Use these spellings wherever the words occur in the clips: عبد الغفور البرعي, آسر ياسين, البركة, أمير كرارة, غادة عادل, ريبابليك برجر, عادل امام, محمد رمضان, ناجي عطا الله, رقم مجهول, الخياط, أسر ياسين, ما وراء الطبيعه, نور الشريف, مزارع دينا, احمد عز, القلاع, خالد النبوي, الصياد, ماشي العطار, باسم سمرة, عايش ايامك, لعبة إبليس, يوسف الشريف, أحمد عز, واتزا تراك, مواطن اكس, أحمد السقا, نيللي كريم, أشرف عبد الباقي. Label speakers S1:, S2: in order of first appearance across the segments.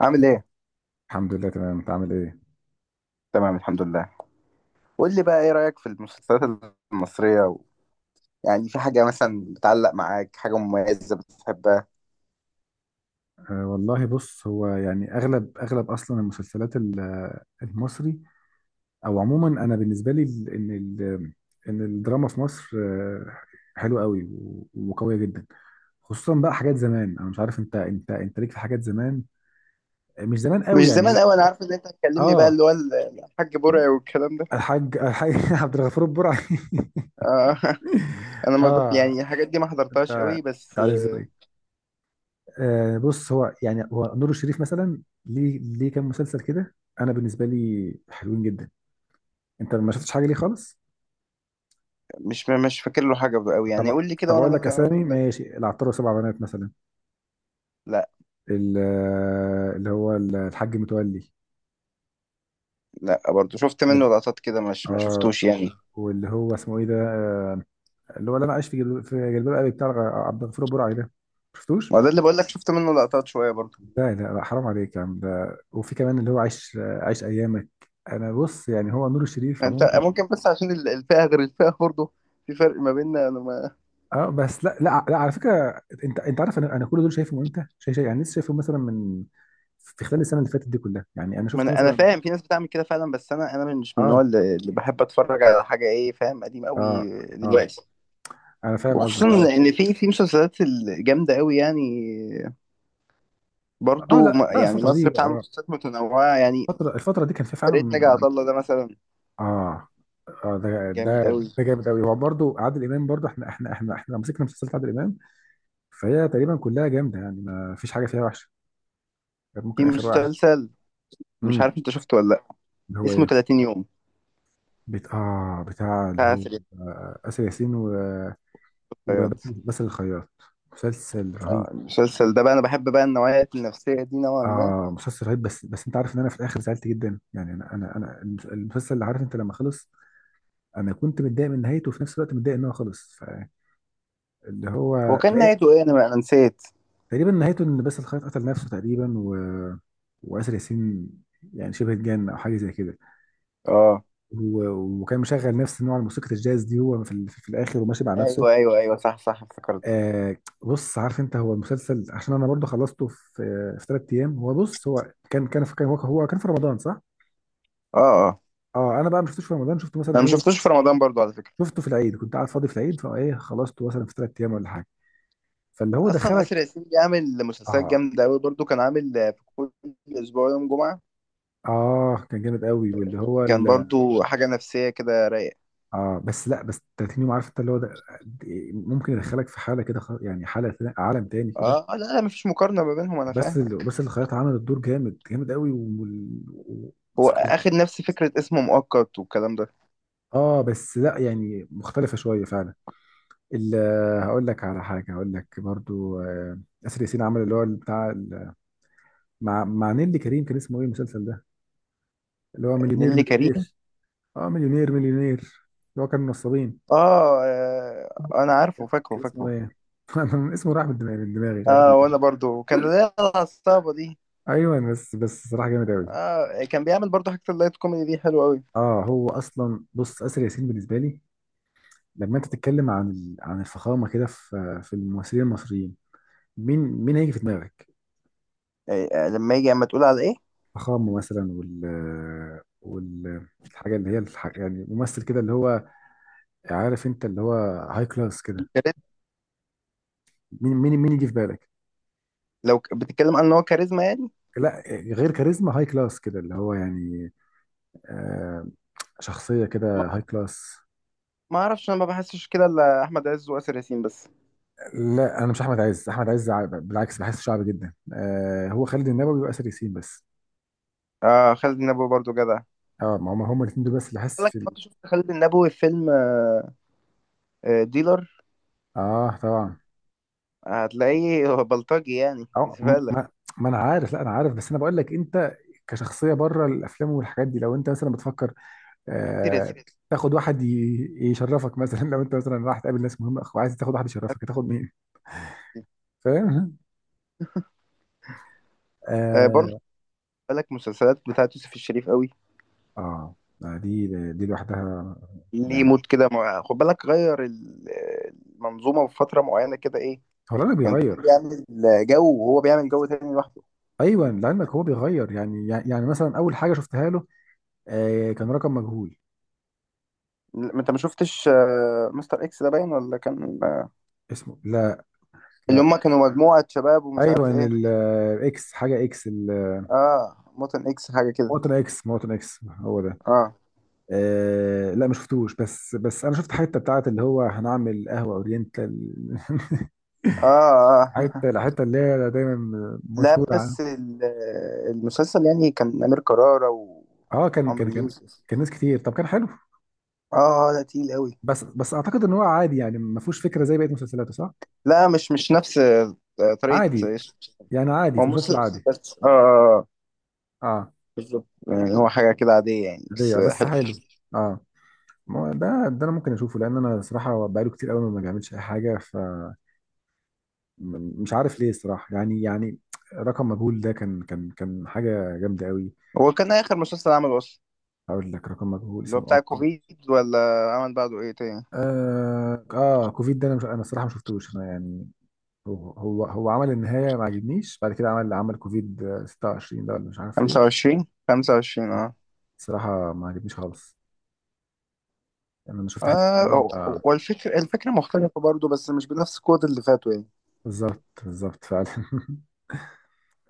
S1: عامل ايه؟
S2: الحمد لله تمام، انت عامل ايه؟
S1: تمام الحمد لله. قول لي بقى ايه رأيك في المسلسلات المصرية يعني في حاجة مثلا بتعلق معاك، حاجة مميزة بتحبها؟
S2: أه والله بص، هو يعني اغلب اغلب اصلا المسلسلات المصري او عموما انا بالنسبه لي ال- ان ال- ان الدراما في مصر حلوه قوي وقويه جدا، خصوصا بقى حاجات زمان. انا مش عارف انت ليك في حاجات زمان، مش زمان
S1: مش
S2: قوي يعني، مش
S1: زمان قوي، انا عارف ان انت هتكلمني بقى
S2: اه.
S1: اللي هو الحاج برعي والكلام ده.
S2: الحاج عبد الغفور البرعي
S1: آه انا ما بت...
S2: اه،
S1: يعني الحاجات دي ما
S2: انت
S1: حضرتهاش قوي، بس
S2: عارف ازاي. آه بص، هو يعني هو نور الشريف مثلا ليه كام مسلسل كده انا بالنسبه لي حلوين جدا. انت ما شفتش حاجه ليه خالص؟
S1: مش فاكر له حاجة قوي يعني.
S2: طب
S1: قول لي كده وانا
S2: اقول لك
S1: ممكن
S2: اسامي
S1: اقول لك.
S2: ماشي العطار وسبع بنات مثلا،
S1: لا،
S2: اللي هو الحاج متولي.
S1: لا برضه، شفت منه لقطات كده، مش ما
S2: اه،
S1: شفتوش يعني.
S2: واللي هو اسمه ايه ده اللي هو اللي انا عايش في في جلباب ابي، بتاع عبد الغفور البرعي ده، شفتوش؟
S1: ما ده اللي بقول لك، شفت منه لقطات شوية برضه.
S2: لا لا لا، حرام عليك يا عم، ده وفي كمان اللي هو عايش عايش ايامك. انا بص، يعني هو نور الشريف
S1: انت
S2: عموما.
S1: ممكن بس عشان الفئة غير الفئة برضه، في فرق ما بيننا انا.
S2: اه بس، لا على فكره، انت عارف انا كل دول شايفهم امتى؟ يعني لسه شايفهم مثلا من في خلال السنه اللي فاتت دي كلها، يعني انا
S1: ما
S2: شفت
S1: انا انا
S2: مثلا.
S1: فاهم، في ناس بتعمل كده فعلا، بس انا مش من
S2: اه.
S1: النوع اللي بحب اتفرج على حاجه، ايه فاهم، قديم
S2: اه.
S1: قوي
S2: اه
S1: دلوقتي.
S2: انا فاهم قصدك، اه.
S1: وخصوصا ان في مسلسلات الجامده قوي يعني،
S2: اه لا لا،
S1: يعني
S2: الفتره
S1: مصر
S2: دي
S1: بتعمل
S2: اه،
S1: مسلسلات متنوعه يعني.
S2: الفتره دي كان في
S1: فرقه ناجي
S2: فعلا.
S1: عطا الله ده مثلا
S2: اه. اه ده،
S1: جامد قوي.
S2: ده جامد قوي. هو برضه عادل امام برضه، احنا لو مسكنا مسلسلات عادل امام فهي تقريبا كلها جامده، يعني ما فيش حاجه فيها وحشه غير
S1: في
S2: ممكن اخر واحد.
S1: مسلسل مش
S2: امم
S1: عارف انت شفته ولا لا،
S2: اللي هو
S1: اسمه
S2: ايه؟
S1: 30 يوم،
S2: بت... اه بتاع اللي
S1: بتاع
S2: هو
S1: سريع
S2: آسر ياسين،
S1: الطيارات.
S2: وبس الخياط. مسلسل رهيب.
S1: اه المسلسل ده بقى انا بحب بقى النوعيات النفسيه دي نوعا ما.
S2: اه مسلسل رهيب، بس انت عارف ان انا في الاخر زعلت جدا، يعني انا المسلسل اللي عارف انت لما خلص، انا كنت متضايق من نهايته وفي نفس الوقت متضايق ان هو خلص، فاللي هو
S1: هو كان
S2: لا-
S1: نهايته ايه؟ انا نسيت.
S2: تقريبا نهايته ان باسل الخياط قتل نفسه تقريبا، و... واسر ياسين يعني شبه اتجن او حاجه زي كده،
S1: اه.
S2: و... وكان مشغل نفس نوع الموسيقى الجاز دي هو في، في الاخر وماشي مع نفسه.
S1: ايوه ايوه ايوه، صح صح، افتكرت.
S2: آه بص، عارف انت هو المسلسل عشان انا برضه خلصته في ثلاث ايام. هو بص هو كان كان في كان هو هو كان في رمضان صح؟
S1: اه اه.
S2: اه انا بقى ما شفتوش في رمضان، شفته مثلا
S1: انا ما
S2: ايه،
S1: شفتوش في رمضان برضو على فكره.
S2: شفته في العيد، كنت قاعد فاضي في العيد، فايه خلصته مثلا في ثلاث ايام ولا حاجه، فاللي هو
S1: اصلا اسر
S2: دخلك.
S1: ياسين بيعمل مسلسلات
S2: اه.
S1: جامده قوي. برضو كان عامل في كل اسبوع يوم جمعه.
S2: اه كان جامد قوي، واللي هو
S1: كان برضو حاجه نفسيه كده رايقه.
S2: اه بس لا، بس 30 يوم عارف انت اللي هو ده ممكن يدخلك في حاله كده، يعني عالم تاني كده.
S1: اه لا لا، مفيش مقارنه ما بينهم، انا
S2: بس
S1: فاهمك.
S2: بس الخياطه عملت دور جامد، قوي،
S1: هو
S2: وموسيقى.
S1: اخد نفس فكره، اسمه مؤقت والكلام ده.
S2: اه بس لا، يعني مختلفة شوية فعلا. ال- هقول لك على حاجة، هقول لك برضو آسر ياسين عمل اللي هو بتاع مع نيللي كريم، كان اسمه ايه المسلسل ده، اللي هو مليونير
S1: نيللي كريم.
S2: اه مليونير اللي هو كان نصابين،
S1: اه، انا عارفه، فاكره
S2: كان اسمه
S1: فاكره.
S2: ايه؟ أنا اسمه راح من دماغي، مش عارف
S1: اه
S2: ليه.
S1: وانا برضو كان ليا، العصابه دي.
S2: ايوه بس، صراحة جامد قوي.
S1: اه كان بيعمل برضو حاجه اللايت كوميدي دي حلوه قوي.
S2: اه هو اصلا بص، آسر ياسين بالنسبة لي لما انت تتكلم عن عن الفخامة كده في الممثلين المصريين، مين هيجي في دماغك؟
S1: آه لما يجي، اما تقول على ايه.
S2: فخامه مثلا، وال وال الحاجه اللي هي يعني ممثل كده اللي هو عارف انت اللي هو هاي كلاس كده،
S1: كاريزما.
S2: مين يجي في بالك؟
S1: لو بتتكلم عن ان هو كاريزما يعني.
S2: لا غير كاريزما، هاي كلاس كده اللي هو يعني آه، شخصيه كده هاي كلاس.
S1: ما اعرفش، انا ما بحسش كده الا احمد عز واسر ياسين بس.
S2: لا انا مش احمد عز، احمد عز بالعكس بحس شعبي جدا. آه هو خالد النبوي واسر ياسين بس.
S1: آه خالد النبوي برضو جدع.
S2: اه، ما هم الاثنين دول بس اللي حاسس
S1: قال لك
S2: في
S1: كنت شفت خالد النبوي في فيلم ديلر؟
S2: اه طبعا.
S1: هتلاقيه هو بلطجي يعني،
S2: اه م-
S1: زبالة.
S2: ما, ما انا عارف، لا انا عارف، بس انا بقول لك انت كشخصيه بره الافلام والحاجات دي، لو انت مثلا بتفكر
S1: آسر
S2: آه،
S1: ياسين.
S2: تاخد واحد يشرفك مثلا، لو انت مثلا رايح تقابل ناس مهمه وعايز تاخد واحد يشرفك، هتاخد مين؟ فاهم؟
S1: آه برضو. خد
S2: اه.
S1: بالك مسلسلات بتاعت يوسف الشريف قوي،
S2: اه دي لوحدها
S1: ليه
S2: يعني،
S1: مود كده خد بالك غير المنظومة في فترة معينة كده، ايه.
S2: هو العلم
S1: كان كله
S2: بيغير.
S1: بيعمل جو وهو بيعمل جو تاني لوحده.
S2: ايوه لعلمك هو بيغير، يعني مثلا اول حاجه شفتها له آه كان رقم مجهول.
S1: لا، انت ما شفتش مستر اكس ده، باين ولا كان
S2: اسمه لا،
S1: اللي
S2: لا.
S1: هم كانوا مجموعة شباب ومش
S2: ايوه
S1: عارف ايه.
S2: الاكس، حاجه اكس.
S1: اه موتن اكس، حاجة كده.
S2: مواطن اكس، هو ده.
S1: اه
S2: آه لا ما شفتوش، بس انا شفت حته بتاعت اللي هو هنعمل قهوه اورينتال
S1: اه. آه.
S2: الحته اللي هي دايما
S1: لا
S2: مشهوره عنها.
S1: بس المسلسل يعني، كان أمير كرارة
S2: اه
S1: وعمرو يوسف.
S2: كان ناس كتير، طب كان حلو،
S1: اه لا، تقيل قوي.
S2: بس اعتقد ان هو عادي يعني، ما فيهوش فكره زي بقيه مسلسلاته صح،
S1: لا مش مش نفس طريقة
S2: عادي
S1: إيش.
S2: يعني، عادي
S1: هو
S2: في مسلسل
S1: مسلسل
S2: عادي.
S1: بس اه آه،
S2: اه.
S1: بالظبط، يعني هو حاجة كده عادية يعني،
S2: ليا
S1: بس
S2: بس
S1: حلو.
S2: حلو. اه، ما هو ده، انا ممكن اشوفه لان انا صراحه بقاله كتير قوي ما بيعملش اي حاجه، ف مش عارف ليه الصراحه، يعني رقم مجهول ده كان حاجه جامده قوي.
S1: هو كان آخر مسلسل عمله أصلا،
S2: هقول لك رقم مجهول،
S1: اللي هو
S2: اسمه
S1: بتاع
S2: أبقى.
S1: كوفيد، ولا عمل بعده إيه تاني؟
S2: اه اه كوفيد ده انا مش، انا الصراحه ما شفتوش انا يعني، هو عمل النهاية ما عجبنيش، بعد كده عمل كوفيد 26 ده ولا مش عارف ايه،
S1: 25 25 اه
S2: بصراحة ما عجبنيش خالص، يعني انا شفت حتة
S1: اه.
S2: منه
S1: هو
S2: آه.
S1: هو الفكرة الفكرة مختلفة برضه، بس مش بنفس القوة اللي فاتوا يعني.
S2: بالظبط، فعلا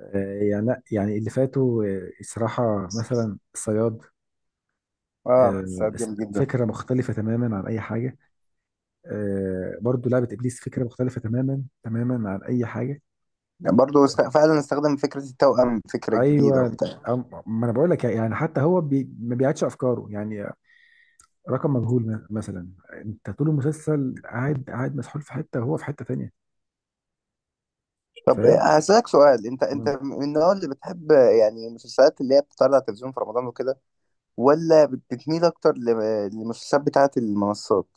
S2: يعني لأ، يعني اللي فاتوا الصراحة مثلا الصياد،
S1: اه بس
S2: آه،
S1: جامد جدا.
S2: فكرة مختلفة تماما عن أي حاجة، برضو لعبة إبليس فكرة مختلفة تماما، عن أي حاجة.
S1: فعلا استخدم فكرة التوأم، فكرة جديدة
S2: أيوة
S1: وبتاع.
S2: ما أنا بقول لك يعني، حتى هو بي ما بيعيدش أفكاره يعني، رقم مجهول مثلا، انت طول المسلسل قاعد، مسحول في حته وهو في حته تانية.
S1: طب
S2: فاهم؟
S1: هسألك سؤال، انت انت
S2: مم.
S1: من النوع اللي بتحب يعني المسلسلات اللي هي بتطلع على التلفزيون في رمضان وكده، ولا بتميل اكتر للمسلسلات بتاعة المنصات؟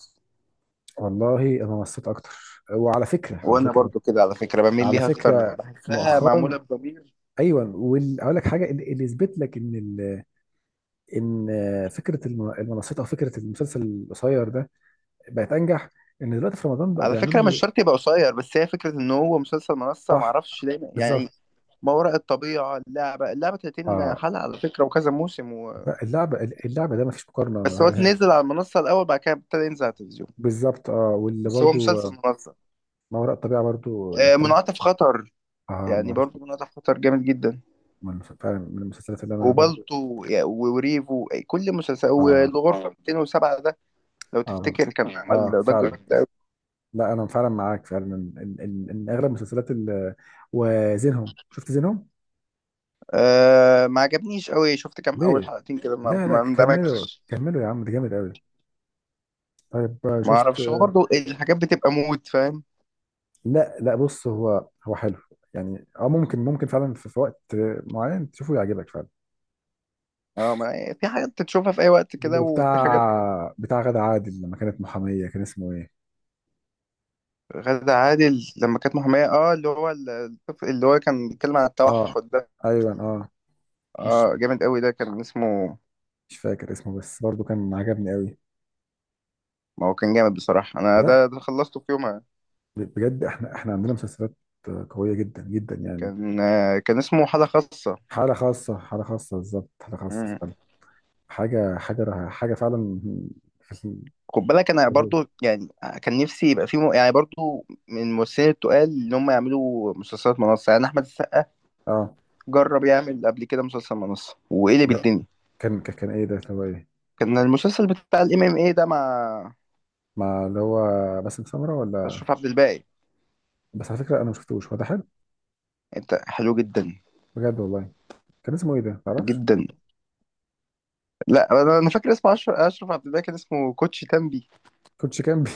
S2: والله انا مصيت اكتر، وعلى فكره، على
S1: وانا
S2: فكره
S1: برضه كده على فكرة بميل
S2: على
S1: ليها اكتر،
S2: فكره
S1: بحسها معمولة
S2: مؤخرا.
S1: بضمير.
S2: ايوه، واقول لك حاجه اللي يثبت لك ان ان فكره المنصات او فكره المسلسل القصير ده بقت انجح، ان دلوقتي في رمضان بقى
S1: على
S2: بيعملوا
S1: فكرة مش
S2: له.
S1: شرط يبقى قصير، بس هي فكرة ان هو مسلسل منصة،
S2: صح
S1: معرفش دايما يعني.
S2: بالظبط.
S1: ما وراء الطبيعة، اللعبة، اللعبة 30
S2: اه
S1: حلقة على فكرة، وكذا موسم
S2: لا، اللعبه، ده ما فيش مقارنه
S1: بس هو نزل على المنصة الأول، بعد كده ابتدى ينزل على التلفزيون،
S2: بالظبط، اه، واللي
S1: بس هو
S2: برضو
S1: مسلسل منصة.
S2: ما وراء الطبيعه برضو انتاج.
S1: منعطف خطر،
S2: اه،
S1: يعني برضو منعطف خطر جامد جدا.
S2: من فعلا من المسلسلات اللي انا برضه.
S1: وبالتو وريفو كل مسلسل،
S2: اه.
S1: والغرفة 207 ده، لو
S2: اه برضه
S1: تفتكر
S2: افتكر،
S1: كان
S2: اه
S1: عمل ضجة
S2: فعلا.
S1: جامدة أوي.
S2: لا انا فعلا معاك فعلا ان إن اغلب المسلسلات وزينهم، شفت زينهم؟
S1: أه ما عجبنيش قوي، شفت كام أول
S2: ليه؟
S1: حلقتين كده، ما
S2: لا لا،
S1: ما
S2: كملوا
S1: اندمجتش.
S2: يا عم ده جامد قوي. طيب
S1: ما
S2: شفت.
S1: اعرفش، هو برضو الحاجات بتبقى مود فاهم.
S2: لا لا بص، هو حلو يعني، اه ممكن فعلا في، في وقت معين تشوفه يعجبك فعلا.
S1: اه، ما في حاجات تشوفها في اي وقت كده، وفي حاجات.
S2: بتاع غادة عادل لما كانت محامية، كان اسمه ايه؟
S1: غادة عادل لما كانت محامية، اه اللي هو الطفل اللي هو كان بيتكلم عن
S2: اه
S1: التوحد ده.
S2: ايوه اه. مش
S1: اه جامد قوي، ده كان اسمه.
S2: فاكر اسمه، بس برضه كان عجبني قوي.
S1: ما هو كان جامد بصراحة، انا
S2: لا،
S1: ده ده خلصته في يوم.
S2: بجد احنا، عندنا مسلسلات قوية جدا، يعني.
S1: كان كان اسمه حالة خاصة.
S2: حالة خاصة، بالظبط، حالة خاصة
S1: مم.
S2: فعلا. حاجة فعلا. في
S1: خد بالك انا
S2: ال-
S1: برضو يعني، كان نفسي يبقى في يعني برضو من الممثلين التقال ان هم يعملوا مسلسلات منصة، يعني احمد السقا
S2: اه
S1: جرب يعمل قبل كده مسلسل منصة، وقلب
S2: لا
S1: الدنيا.
S2: كان ايه ده اللي هو ايه؟
S1: كان المسلسل بتاع الام ام اي ده، مع
S2: مع اللي هو باسم سمرة ولا؟
S1: اشرف عبد الباقي.
S2: بس على فكرة انا ما شفتوش، هو ده حلو؟
S1: انت حلو جدا
S2: بجد والله. كان اسمه ايه ده، ما تعرفش؟
S1: جدا. لا انا، أنا فاكر اسمه أشرف... اشرف عبد الباقي، كان اسمه كوتش تنبي.
S2: كوتش كامبي؟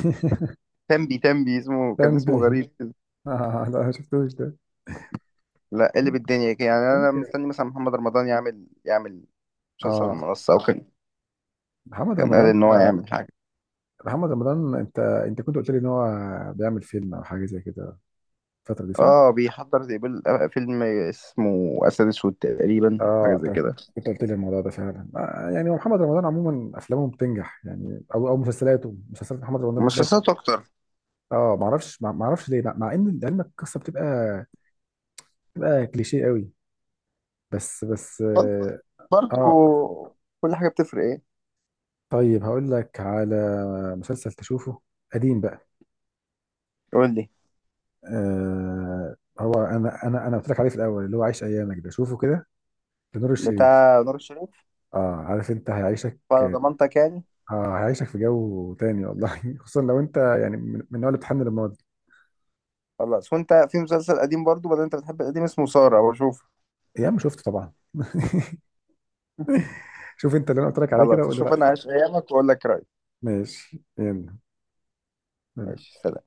S1: تنبي تنبي اسمه، كان اسمه
S2: كامبي.
S1: غريب كده.
S2: آه لا ما شفتوش ده.
S1: لا قلب الدنيا. يعني انا
S2: ممكن.
S1: مستني مثلا محمد رمضان يعمل، يعمل مسلسل
S2: اه
S1: منصة، او كان
S2: محمد
S1: كان قال
S2: رمضان،
S1: ان هو يعمل حاجه.
S2: محمد رمضان، انت كنت قلت لي ان هو بيعمل فيلم او حاجة زي كده الفترة دي صح؟
S1: اه بيحضر زي فيلم اسمه اسد اسود تقريبا أو
S2: اه
S1: حاجه زي
S2: انت
S1: كده.
S2: كنت قلت لي الموضوع ده فعلا، آه يعني محمد رمضان عموما افلامه بتنجح يعني، او مسلسلاته، مسلسلات محمد رمضان دايما.
S1: مسلسلات اكتر.
S2: اه ما اعرفش، ليه، مع ان لعلمك القصه بتبقى، كليشيه قوي، بس
S1: بر-
S2: اه.
S1: برضو
S2: آه.
S1: كل حاجه بتفرق ايه.
S2: طيب هقول لك على مسلسل تشوفه قديم بقى.
S1: قول لي.
S2: آه، هو انا قلت لك عليه في الاول، اللي هو عايش ايامك ده، شوفه كده لنور الشريف.
S1: بتاع نور الشريف.
S2: اه عارف انت هيعيشك.
S1: على ضمانتك يعني.
S2: اه هيعيشك في جو تاني والله خصوصا لو انت يعني من النوع اللي بتحن للماضي.
S1: خلاص. وانت في مسلسل قديم برضو، بدل انت بتحب القديم، اسمه ساره، بشوف.
S2: يا عم شفته طبعا شوف انت اللي انا قلت لك عليه كده
S1: خلاص
S2: وقول لي
S1: اشوف انا
S2: رايك.
S1: عايش ايامك واقول لك رايي.
S2: ماشي، يلا.
S1: ماشي، سلام.